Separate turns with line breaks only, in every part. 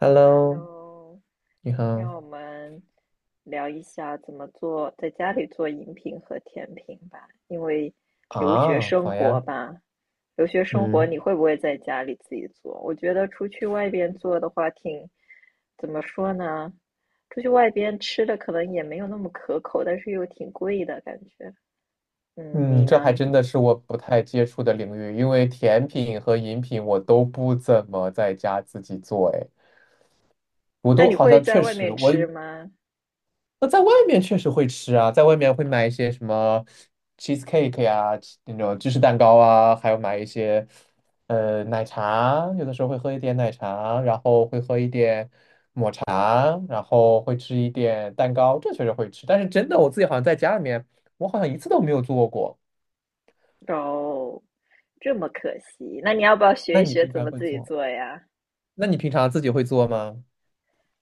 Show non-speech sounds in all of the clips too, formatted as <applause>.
Hello，
Hello,
你
今天
好。
我们聊一下怎么做，在家里做饮品和甜品吧。因为留学
啊，
生
好呀。
活吧，留学生活你
嗯
会不会在家里自己做？我觉得出去外边做的话挺，怎么说呢？出去外边吃的可能也没有那么可口，但是又挺贵的感觉。嗯，
嗯，
你
这还
呢？
真的是我不太接触的领域，因为甜品和饮品我都不怎么在家自己做。哎，我
那
都
你
好
会
像
在
确
外
实，
面
我
吃吗？
那在外面确实会吃啊，在外面会买一些什么 cheesecake 呀、那种芝士蛋糕啊，还有买一些奶茶，有的时候会喝一点奶茶，然后会喝一点。啊，然后会吃一点蛋糕，这确实会吃。但是真的，我自己好像在家里面，我好像一次都没有做过。
哦，这么可惜。那你要不要学
那
一
你
学
平
怎
常
么
会
自己
做？
做呀？
那你平常自己会做吗？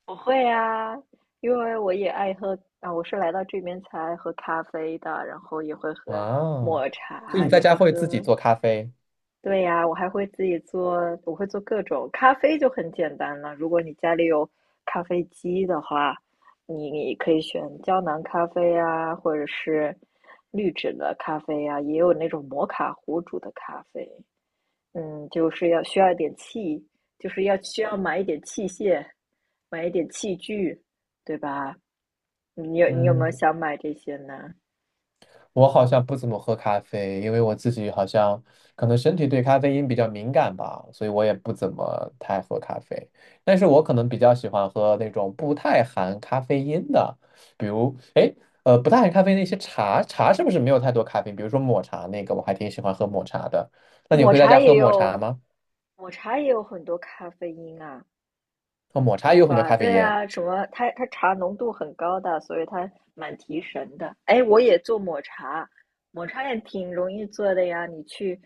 我会啊，因为我也爱喝啊，我是来到这边才爱喝咖啡的，然后也会
哇
喝
哦，
抹
所以
茶，
你在
也
家
会
会自己
喝。
做咖啡？
对呀，我还会自己做，我会做各种咖啡就很简单了。如果你家里有咖啡机的话，你可以选胶囊咖啡啊，或者是滤纸的咖啡啊，也有那种摩卡壶煮的咖啡。嗯，就是要需要一点器，就是要需要买一点器械，买一点器具，对吧？嗯你有没有
嗯。
想买这些呢？
我好像不怎么喝咖啡，因为我自己好像可能身体对咖啡因比较敏感吧，所以我也不怎么太喝咖啡。但是我可能比较喜欢喝那种不太含咖啡因的，比如，哎，不太含咖啡那些茶，茶是不是没有太多咖啡因比如说抹茶那个，我还挺喜欢喝抹茶的。那你
抹
会在
茶
家喝
也
抹
有，
茶吗？
抹茶也有很多咖啡因啊。
哦，抹茶
抹
也有很多
法，
咖啡
对
因，
啊，什么？它茶浓度很高的，所以它蛮提神的。哎，我也做抹茶，抹茶也挺容易做的呀。你去，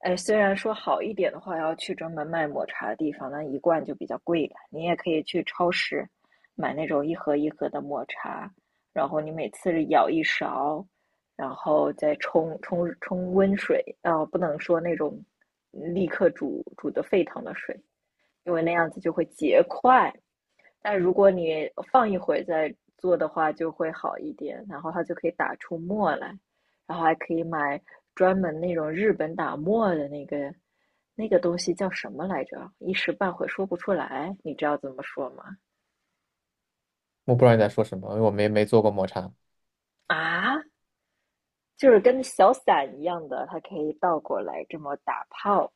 哎，虽然说好一点的话，要去专门卖抹茶的地方，那一罐就比较贵了。你也可以去超市买那种一盒一盒的抹茶，然后你每次舀一勺，然后再冲温水，啊、不能说那种立刻煮的沸腾的水，因为那样子就会结块。但如果你放一会儿再做的话，就会好一点，然后它就可以打出沫来，然后还可以买专门那种日本打沫的那个那个东西叫什么来着？一时半会说不出来，你知道怎么说吗？
我不知道你在说什么，因为我没做过抹茶。
啊，就是跟小伞一样的，它可以倒过来这么打泡。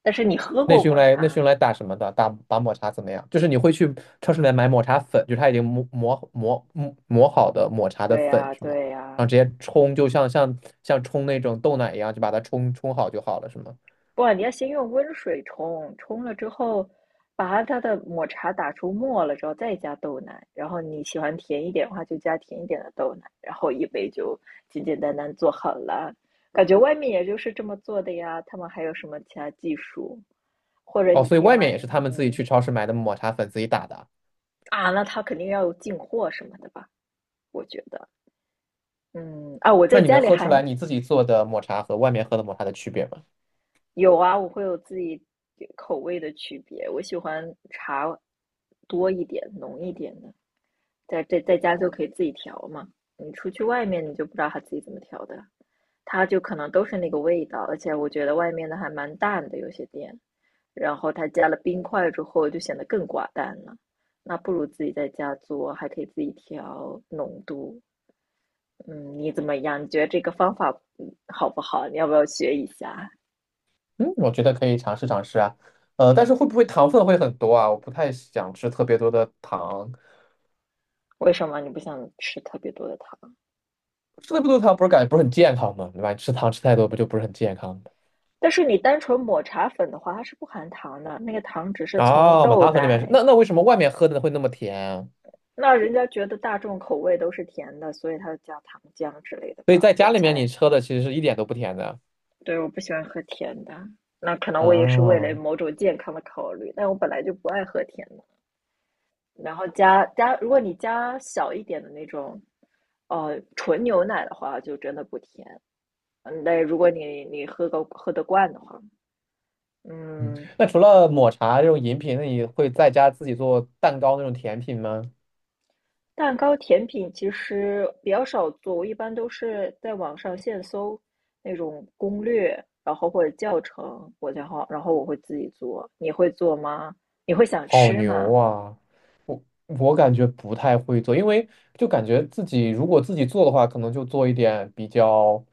但是你喝
那
过
是用
抹
来那是
茶？
用来打什么的？打打抹茶怎么样？就是你会去超市里面买抹茶粉，就是它已经磨好的抹茶的
对
粉
呀，
是吗？
对
然
呀，
后直接冲，就像冲那种豆奶一样，就把它冲好就好了是吗？
不，你要先用温水冲，冲了之后，把它的抹茶打出沫了之后，再加豆奶。然后你喜欢甜一点的话，就加甜一点的豆奶。然后一杯就简简单单做好了。感觉外面也就是这么做的呀，他们还有什么其他技术？或者
哦，
你
所以
可以
外面也
买，
是他们自己
嗯
去超市买的抹茶粉自己打的啊。
啊，那他肯定要有进货什么的吧？我觉得，嗯啊，我
那
在
你能
家里
喝出来
还
你自己做的抹茶和外面喝的抹茶的区别吗？
有啊，我会有自己口味的区别，我喜欢茶多一点、浓一点的，在家就可以自己调嘛。你出去外面，你就不知道他自己怎么调的，它就可能都是那个味道，而且我觉得外面的还蛮淡的，有些店，然后它加了冰块之后就显得更寡淡了。那不如自己在家做，还可以自己调浓度。嗯，你怎么样？你觉得这个方法嗯好不好？你要不要学一下？
嗯，我觉得可以尝试尝试啊。但是会不会糖分会很多啊？我不太想吃特别多的糖。
为什么你不想吃特别多的糖？
吃的不多糖不是感觉不是很健康吗？对吧？吃糖吃太多不就不是很健康吗？
但是你单纯抹茶粉的话，它是不含糖的，那个糖只是从
哦，马
豆
汤喝那边是
奶。
那为什么外面喝的会那么甜啊？
那人家觉得大众口味都是甜的，所以它加糖浆之类的
所以
吧，
在家
我
里面
猜。
你喝的其实是一点都不甜的啊。
对，我不喜欢喝甜的，那可能我也是为了
哦，
某种健康的考虑，但我本来就不爱喝甜的。然后加，如果你加小一点的那种，纯牛奶的话，就真的不甜。嗯，但如果你喝得惯的话，
嗯，
嗯。
那除了抹茶这种饮品，那你会在家自己做蛋糕那种甜品吗？
蛋糕甜品其实比较少做，我一般都是在网上现搜那种攻略，然后或者教程，我然后我会自己做。你会做吗？你会想
好
吃
牛
吗？
啊！我感觉不太会做，因为就感觉自己如果自己做的话，可能就做一点比较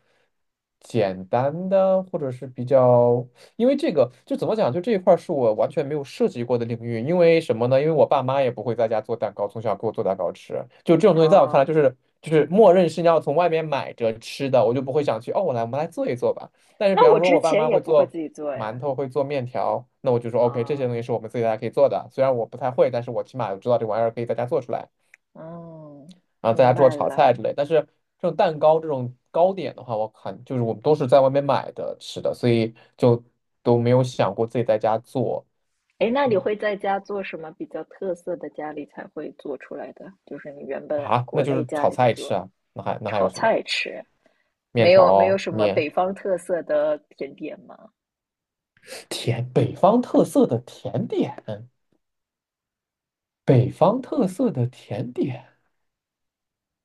简单的，或者是比较，因为这个就怎么讲，就这一块儿是我完全没有涉及过的领域。因为什么呢？因为我爸妈也不会在家做蛋糕，从小给我做蛋糕吃。就这种东西，在我看来
啊、
就是默认是你要从外面买着吃的，我就不会想去哦，我来我们来做一做吧。但是比
那
方
我
说，我
之
爸
前
妈
也
会
不会
做。
自己做
馒
呀。
头，会做面条，那我就说 OK，这些
啊、
东西是我们自己在家可以做的。虽然我不太会，但是我起码我知道这玩意儿可以在家做出来，
嗯，
然后在
明
家做
白
炒菜
了。
之类。但是这种蛋糕这种糕点的话，我看就是我们都是在外面买的吃的，所以就都没有想过自己在家做。
哎，那你会
嗯，
在家做什么比较特色的家里才会做出来的？就是你原本
啊，那
国
就
内
是
家
炒
里的
菜吃
做
啊，那还有
炒
什么？
菜吃，
面
没有
条、
什么
面、
北方特色的甜点吗？
甜，北方特色的甜点，北方特色的甜点。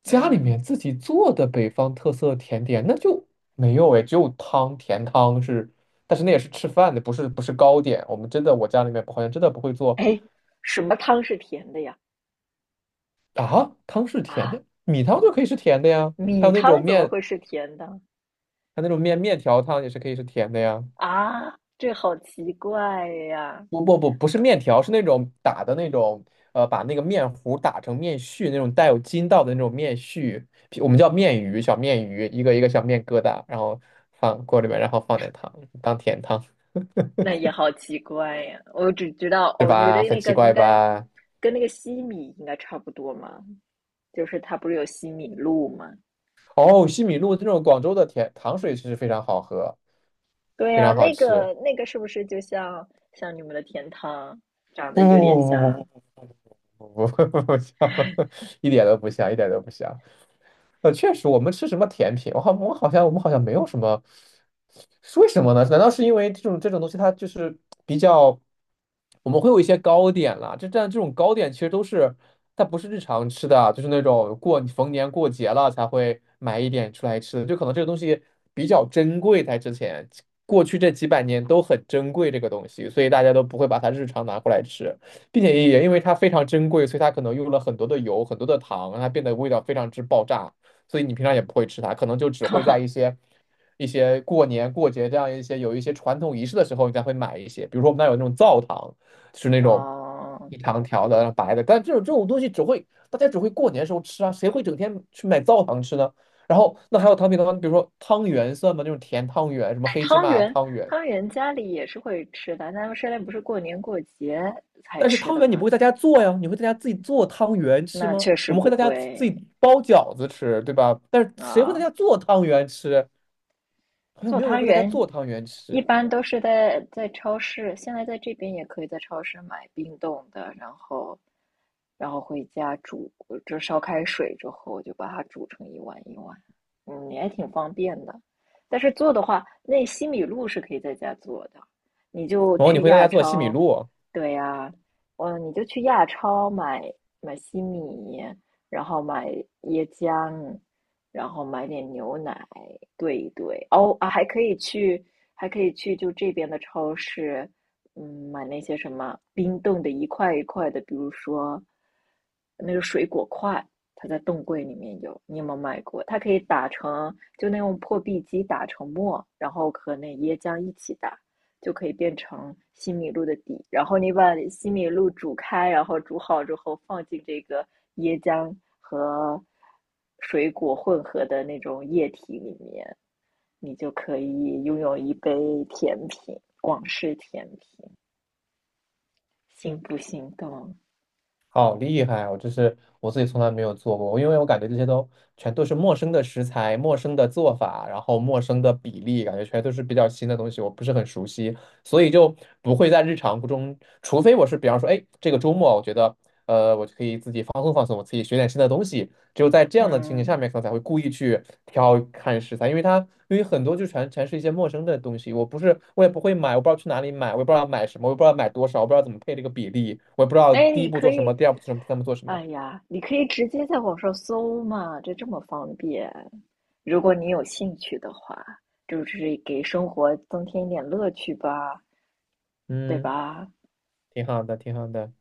家里
嗯，
面自己做的北方特色甜点，那就没有哎，只有汤，甜汤是，但是那也是吃饭的，不是糕点。我们真的，我家里面好像真的不会做
哎，什么汤是甜的呀？
啊，汤是甜
啊，
的，米汤就可以是甜的呀，还
米
有那种
汤怎么
面，
会是甜的？
还有那种面条汤也是可以是甜的呀。
啊，这好奇怪呀！
不是面条，是那种打的那种，把那个面糊打成面絮，那种带有筋道的那种面絮，我们叫面鱼，小面鱼，一个一个小面疙瘩，然后放锅里面，然后放点糖当甜汤。
那也好奇怪呀！我只知道
是
哦，你的
吧很
那
奇
个应
怪
该
吧。
跟那个西米应该差不多嘛，就是它不是有西米露吗？
哦，西米露这种广州的甜糖水其实非常好喝
对
非
呀，
常好
那
吃。
个那个是不是就像像你们的甜汤长
不
得有点像？
不不不不不不不不不不不不不不不一点都不像一点都不像。确实，我们吃什么甜品？我好，我好像我们好像没有什么，是为什么呢？难道是因为这种东西它就是比较，我们会有一些糕点啦，这但这种糕点其实都是它不是日常吃的啊，就是那种过逢年过节了才会买一点出来吃的，就可能这个东西比较珍贵，在之前过去这几百年都很珍贵这个东西，所以大家都不会把它日常拿过来吃，并且也因为它非常珍贵，所以它可能用了很多的油、很多的糖，让它变得味道非常之爆炸。所以你平常也不会吃它，可能就只会在一
<laughs>
些一些过年过节这样一些有一些传统仪式的时候，你才会买一些。比如说我们那儿有那种灶糖，就是那种
哦，
一长条的白的，但这种东西只会大家只会过年时候吃啊，谁会整天去买灶糖吃呢？然后那还有糖饼糖，比如说汤圆算吗？那种甜汤圆，什么
哎，
黑芝
汤
麻
圆，
汤圆。
汤圆家里也是会吃的，他们生来不是过年过节才
但是
吃
汤
的
圆你不
吗？
会在家做呀，你会在家自己做汤圆吃
那
吗？
确实
我们会
不
在家自
会
己包饺子吃，对吧？但是谁会在
啊，
家做汤圆吃？好像
做
没有人
汤
会在家
圆
做汤圆
一
吃，
般都是在超市，现在在这边也可以在超市买冰冻的，然后回家煮，就烧开水之后就把它煮成一碗一碗，嗯，也挺方便的。但是做的话，那西米露是可以在家做的，你就
然后你
去
会在
亚
家做西米
超，
露，
对呀，嗯，你就去亚超买西米，然后买椰浆，然后买点牛奶兑一兑。哦啊，还可以去，还可以去就这边的超市，嗯，买那些什么冰冻的一块一块的，比如说那个水果块，它在冻柜里面有，你有没有买过？它可以打成，就那种破壁机打成沫，然后和那椰浆一起打，就可以变成西米露的底。然后你把西米露煮开，然后煮好之后放进这个椰浆和水果混合的那种液体里面，你就可以拥有一杯甜品，广式甜品，心不心动？
好厉害！啊！我就是我自己从来没有做过，因为我感觉这些都全都是陌生的食材、陌生的做法，然后陌生的比例，感觉全都是比较新的东西，我不是很熟悉，所以就不会在日常中，除非我是比方说，哎，这个周末我觉得，我就可以自己放松放松，我自己学点新的东西。只有在这样的情景下
嗯，
面，可能才会故意去挑看食材，因为它因为很多就全是一些陌生的东西，我不是我也不会买，我不知道去哪里买，我也不知道买什么，我也不知道买多少，我不知道怎么配这个比例，我也不知道
哎，
第一
你
步
可
做什
以，
么，第二步做什么，第三步做什么。
哎呀，你可以直接在网上搜嘛，这这么方便。如果你有兴趣的话，就是给生活增添一点乐趣吧。对
嗯，
吧？
挺好的，挺好的。